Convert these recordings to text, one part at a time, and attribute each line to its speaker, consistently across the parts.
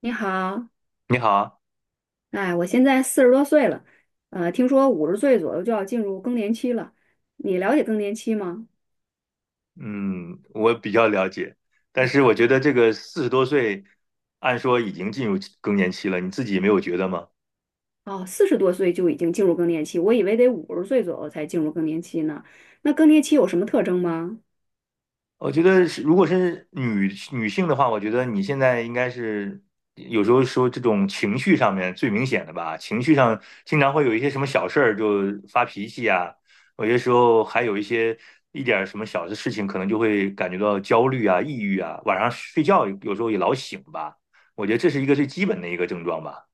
Speaker 1: 你好，
Speaker 2: 你好。
Speaker 1: 哎，我现在四十多岁了，听说五十岁左右就要进入更年期了。你了解更年期吗？
Speaker 2: 嗯，我比较了解，但是我觉得这个四十多岁，按说已经进入更年期了，你自己没有觉得吗？
Speaker 1: 哦，四十多岁就已经进入更年期，我以为得五十岁左右才进入更年期呢。那更年期有什么特征吗？
Speaker 2: 我觉得是，如果是女性的话，我觉得你现在应该是有时候说这种情绪上面最明显的吧。情绪上经常会有一些什么小事儿就发脾气啊，有些时候还有一些一点儿什么小的事情，可能就会感觉到焦虑啊、抑郁啊，晚上睡觉有时候也老醒吧。我觉得这是一个最基本的一个症状吧。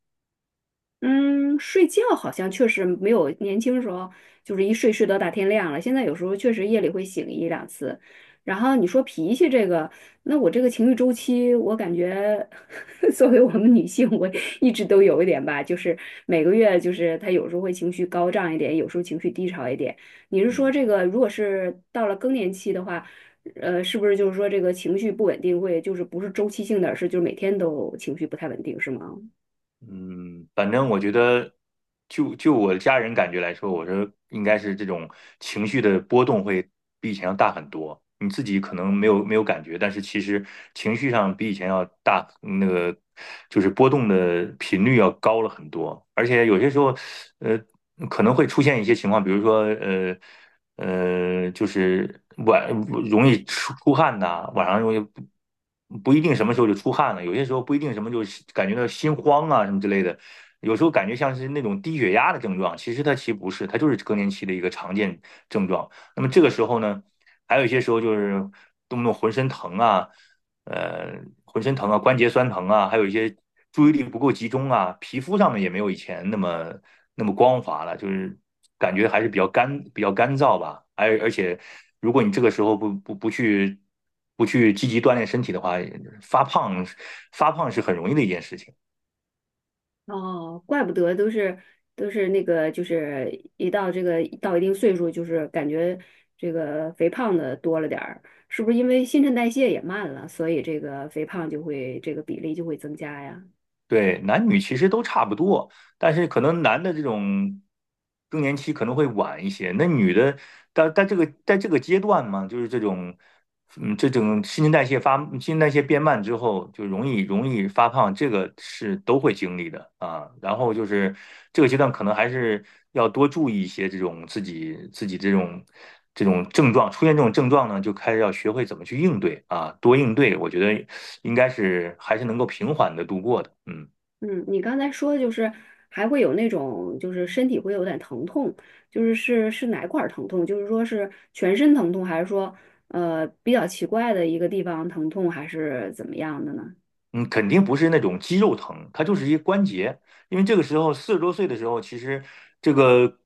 Speaker 1: 嗯，睡觉好像确实没有年轻时候，就是一睡到大天亮了。现在有时候确实夜里会醒一两次。然后你说脾气这个，那我这个情绪周期，我感觉 作为我们女性，我一直都有一点吧，就是每个月就是她有时候会情绪高涨一点，有时候情绪低潮一点。你是说
Speaker 2: 嗯
Speaker 1: 这个，如果是到了更年期的话，是不是就是说这个情绪不稳定会就是不是周期性的，而是就是每天都情绪不太稳定，是吗？
Speaker 2: 嗯，反正我觉得就我家人感觉来说，我说应该是这种情绪的波动会比以前要大很多。你自己可能没有感觉，但是其实情绪上比以前要大，那个就是波动的频率要高了很多。而且有些时候，呃，可能会出现一些情况，比如说，就是晚容易出汗呐，晚上容易不一定什么时候就出汗了，有些时候不一定什么就是感觉到心慌啊什么之类的，有时候感觉像是那种低血压的症状，其实它其实不是，它就是更年期的一个常见症状。那么这个时候呢，还有一些时候就是动不动浑身疼啊，浑身疼啊，关节酸疼啊，还有一些注意力不够集中啊，皮肤上面也没有以前那么那么光滑了，就是感觉还是比较干燥吧。而且，如果你这个时候不去积极锻炼身体的话，发胖发胖是很容易的一件事情。
Speaker 1: 哦，怪不得都是那个，就是一到这个到一定岁数，就是感觉这个肥胖的多了点儿，是不是因为新陈代谢也慢了，所以这个肥胖就会这个比例就会增加呀？
Speaker 2: 对，男女其实都差不多。但是可能男的这种更年期可能会晚一些，那女的，但这个在这个阶段嘛，就是这种，嗯，这种新陈代谢变慢之后，就容易发胖，这个是都会经历的啊。然后就是这个阶段可能还是要多注意一些这种自己这种。这种症状出现这种症状呢，就开始要学会怎么去应对啊，多应对，我觉得应该是还是能够平缓的度过的。嗯。
Speaker 1: 嗯，你刚才说就是还会有那种就是身体会有点疼痛，就是是哪块儿疼痛？就是说是全身疼痛，还是说比较奇怪的一个地方疼痛，还是怎么样的呢？
Speaker 2: 嗯，肯定不是那种肌肉疼，它就是一关节。因为这个时候四十多岁的时候，其实这个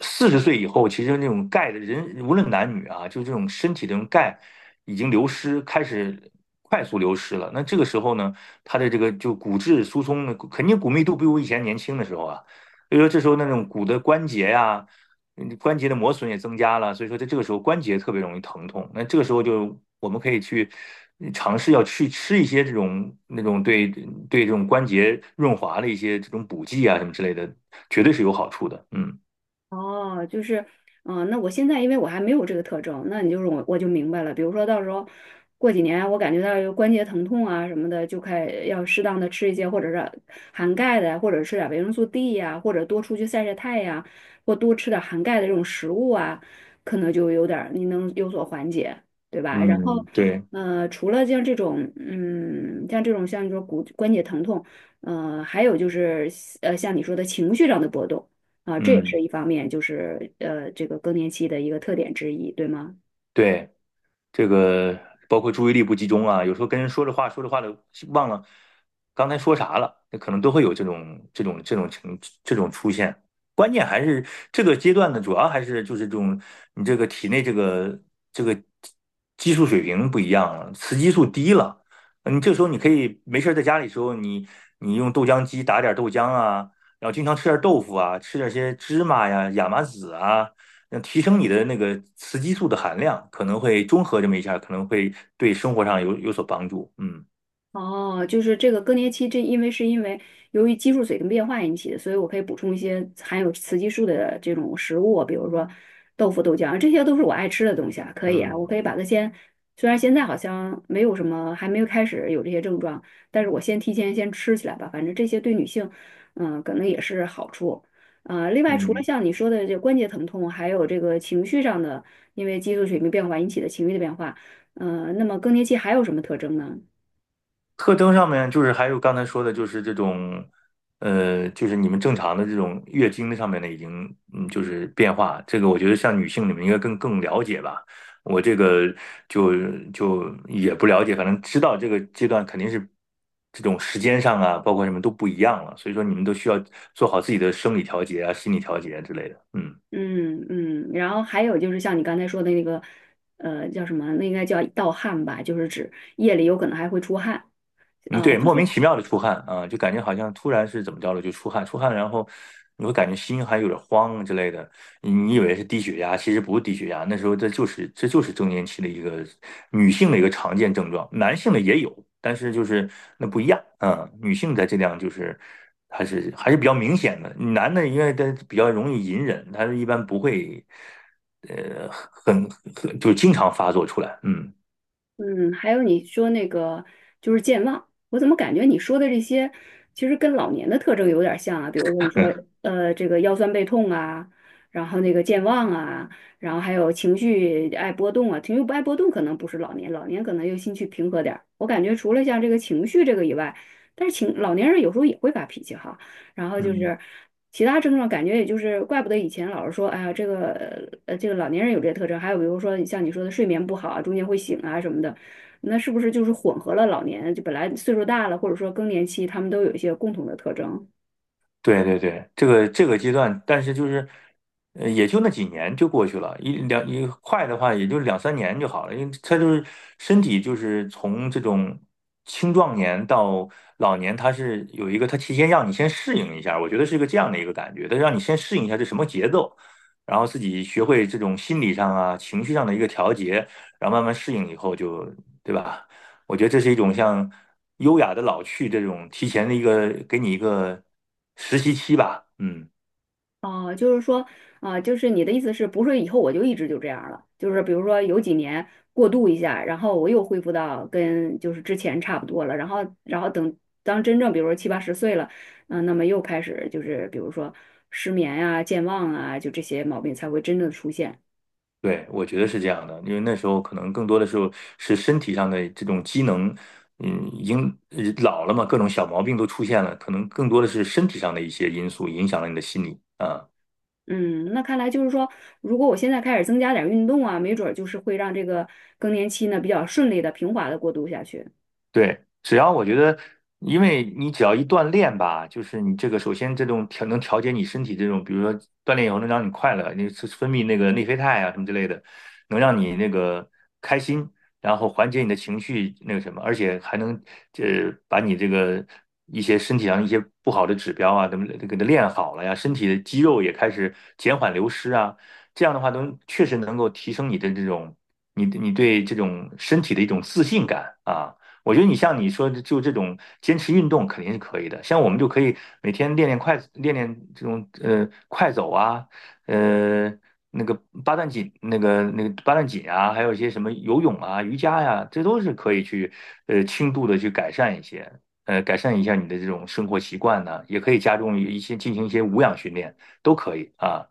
Speaker 2: 四十岁以后，其实那种钙的人，无论男女啊，就这种身体的这种钙已经流失，开始快速流失了。那这个时候呢，它的这个就骨质疏松呢，肯定骨密度不如以前年轻的时候啊。所以说这时候那种骨的关节呀、嗯，关节的磨损也增加了，所以说在这个时候关节特别容易疼痛。那这个时候就我们可以去嗯尝试要去吃一些这种对这种关节润滑的一些这种补剂啊什么之类的，绝对是有好处的。嗯
Speaker 1: 哦，就是，嗯、那我现在因为我还没有这个特征，那你就是我就明白了。比如说到时候过几年，我感觉到有关节疼痛啊什么的，就开要适当的吃一些，或者是含钙的呀，或者吃点维生素 D 呀、或者多出去晒晒太阳，或多吃点含钙的这种食物啊，可能就有点儿你能有所缓解，对吧？然后，
Speaker 2: 嗯，对，
Speaker 1: 除了像这种，嗯，像这种像你说骨关节疼痛，还有就是像你说的情绪上的波动。啊，这也
Speaker 2: 嗯
Speaker 1: 是一方面，就是这个更年期的一个特点之一，对吗？
Speaker 2: 对。这个包括注意力不集中啊，有时候跟人说着话，说着话的忘了刚才说啥了，那可能都会有这种出现。关键还是这个阶段呢，主要还是就是这种你这个体内这个激素水平不一样了，雌激素低了，你这时候你可以没事儿在家里的时候，你用豆浆机打点豆浆啊，然后经常吃点豆腐啊，吃点些芝麻呀、亚麻籽啊。那提升你的那个雌激素的含量，可能会综合这么一下，可能会对生活上有所帮助。嗯
Speaker 1: 哦，就是这个更年期，这因为是因为由于激素水平变化引起的，所以我可以补充一些含有雌激素的这种食物，比如说豆腐、豆浆，这些都是我爱吃的东西啊，可以啊，我
Speaker 2: 嗯
Speaker 1: 可以把它先，虽然现在好像没有什么，还没有开始有这些症状，但是我先提前先吃起来吧，反正这些对女性，嗯，可能也是好处。另外除了
Speaker 2: 嗯，
Speaker 1: 像你说的这关节疼痛，还有这个情绪上的，因为激素水平变化引起的情绪的变化，那么更年期还有什么特征呢？
Speaker 2: 特征上面就是还有刚才说的，就是这种，就是你们正常的这种月经的上面的已经嗯，就是变化。这个我觉得像女性你们应该更了解吧。我这个就就也不了解，反正知道这个阶段肯定是这种时间上啊，包括什么都不一样了。所以说你们都需要做好自己的生理调节啊、心理调节啊之类的。嗯。
Speaker 1: 嗯嗯，然后还有就是像你刚才说的那个，叫什么？那应该叫盗汗吧，就是指夜里有可能还会出汗
Speaker 2: 嗯，
Speaker 1: 啊，
Speaker 2: 对，
Speaker 1: 就
Speaker 2: 莫名
Speaker 1: 是
Speaker 2: 其妙的出汗啊，就感觉好像突然是怎么着了就出汗，出汗，然后你会感觉心还有点慌之类的，你以为是低血压，其实不是低血压，那时候这就是更年期的一个女性的一个常见症状，男性的也有，但是就是那不一样。嗯，女性在这样就是还是比较明显的，男的因为他比较容易隐忍，他一般不会呃很很就经常发作出来。嗯
Speaker 1: 嗯，还有你说那个就是健忘，我怎么感觉你说的这些其实跟老年的特征有点像啊？比如说你 说这个腰酸背痛啊，然后那个健忘啊，然后还有情绪爱波动啊，情绪不爱波动可能不是老年，老年可能又心绪平和点儿。我感觉除了像这个情绪这个以外，但是情老年人有时候也会发脾气哈，然后就
Speaker 2: 嗯。
Speaker 1: 是。其他症状感觉也就是，怪不得以前老是说，哎呀，这个这个老年人有这些特征，还有比如说像你说的睡眠不好啊，中间会醒啊什么的，那是不是就是混合了老年，就本来岁数大了，或者说更年期，他们都有一些共同的特征？
Speaker 2: 对对对，这个阶段，但是就是，也就那几年就过去了，一两一快的话也就两三年就好了，因为他就是身体就是从这种青壮年到老年，他是有一个他提前让你先适应一下，我觉得是一个这样的一个感觉，他让你先适应一下这什么节奏，然后自己学会这种心理上啊、情绪上的一个调节，然后慢慢适应以后就，对吧？我觉得这是一种像优雅的老去这种提前的一个给你一个实习期吧。嗯，
Speaker 1: 哦，就是说，啊、就是你的意思是不是以后我就一直就这样了？就是比如说有几年过渡一下，然后我又恢复到跟就是之前差不多了，然后然后等当真正比如说七八十岁了，嗯、那么又开始就是比如说失眠啊、健忘啊，就这些毛病才会真正的出现。
Speaker 2: 对，我觉得是这样的，因为那时候可能更多的时候是身体上的这种机能，嗯，已经老了嘛，各种小毛病都出现了，可能更多的是身体上的一些因素影响了你的心理啊。
Speaker 1: 嗯，那看来就是说，如果我现在开始增加点儿运动啊，没准儿就是会让这个更年期呢比较顺利的、平滑的过渡下去。
Speaker 2: 对，只要我觉得，因为你只要一锻炼吧，就是你这个首先这种调节你身体这种，比如说锻炼以后能让你快乐，你是分泌那个内啡肽啊什么之类的，能让你那个开心，然后缓解你的情绪那个什么，而且还能把你这个一些身体上一些不好的指标啊，怎么给它练好了呀，身体的肌肉也开始减缓流失啊，这样的话能确实能够提升你的这种你对这种身体的一种自信感啊。我觉得你像你说的，就这种坚持运动肯定是可以的。像我们就可以每天练练这种快走啊，呃那个八段锦，那个八段锦啊，还有一些什么游泳啊、瑜伽呀、这都是可以去轻度的去改善一些，呃改善一下你的这种生活习惯呢、也可以加重一些进行一些无氧训练，都可以啊。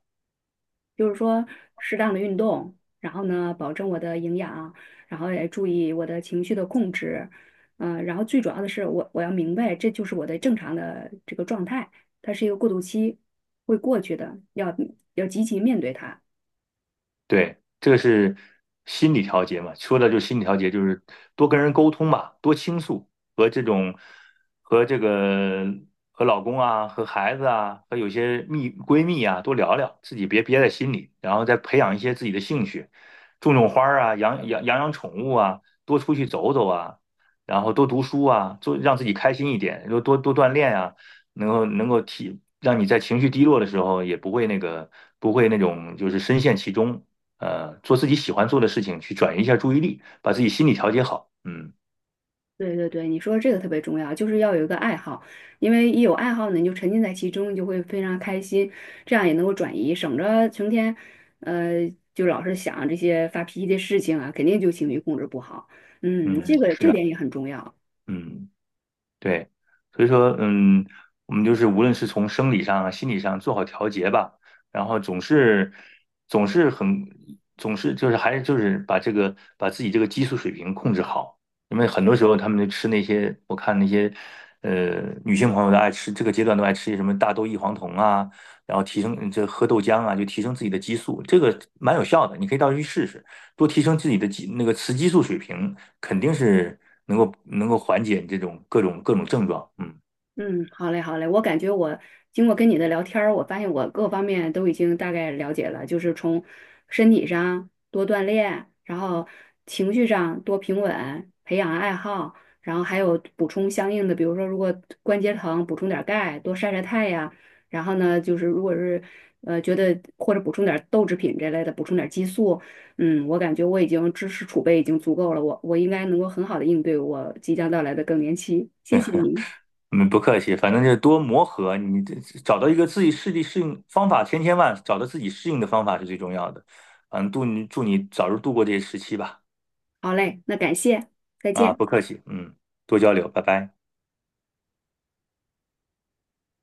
Speaker 1: 就是说适当的运动，然后呢，保证我的营养，然后也注意我的情绪的控制，嗯、然后最主要的是我要明白这就是我的正常的这个状态，它是一个过渡期，会过去的，要积极面对它。
Speaker 2: 对，这个是心理调节嘛，说的就是心理调节，就是多跟人沟通嘛，多倾诉，和这种和这个和老公啊，和孩子啊，和有些蜜闺蜜啊，多聊聊，自己别憋在心里，然后再培养一些自己的兴趣，种种花儿啊，养养宠物啊，多出去走走啊，然后多读书啊，做让自己开心一点，多锻炼啊，能够能够提。让你在情绪低落的时候也不会那个，不会那种就是深陷其中，做自己喜欢做的事情，去转移一下注意力，把自己心理调节好。嗯
Speaker 1: 对对对，你说这个特别重要，就是要有一个爱好，因为一有爱好呢，你就沉浸在其中，你就会非常开心，这样也能够转移，省着成天，呃，就老是想这些发脾气的事情啊，肯定就情绪控制不好。嗯，这
Speaker 2: 嗯
Speaker 1: 个
Speaker 2: 是
Speaker 1: 这
Speaker 2: 的。
Speaker 1: 点也很重要。
Speaker 2: 嗯。对，所以说，嗯，我们就是无论是从生理上啊、心理上做好调节吧，然后总是很总是就是还是把这个把自己这个激素水平控制好，因为很多时候他们就吃那些我看那些女性朋友都爱吃，这个阶段都爱吃一些什么大豆异黄酮啊，然后提升这喝豆浆啊，就提升自己的激素，这个蛮有效的，你可以到时候去试试。多提升自己的激那个雌激素水平，肯定是能够缓解你这种各种症状。嗯，
Speaker 1: 嗯，好嘞，好嘞。我感觉我经过跟你的聊天儿，我发现我各方面都已经大概了解了，就是从身体上多锻炼，然后情绪上多平稳，培养爱好，然后还有补充相应的，比如说如果关节疼，补充点儿钙，多晒晒太阳。然后呢，就是如果是觉得或者补充点儿豆制品这类的，补充点儿激素。嗯，我感觉我已经知识储备已经足够了，我应该能够很好的应对我即将到来的更年期。谢谢您。
Speaker 2: 嗯，不客气，反正就是多磨合，你这找到一个自己适地适应方法，千千万找到自己适应的方法是最重要的。嗯，祝你早日度过这些时期吧。
Speaker 1: 好嘞，那感谢，再
Speaker 2: 啊，
Speaker 1: 见。
Speaker 2: 不客气，嗯，多交流，拜拜。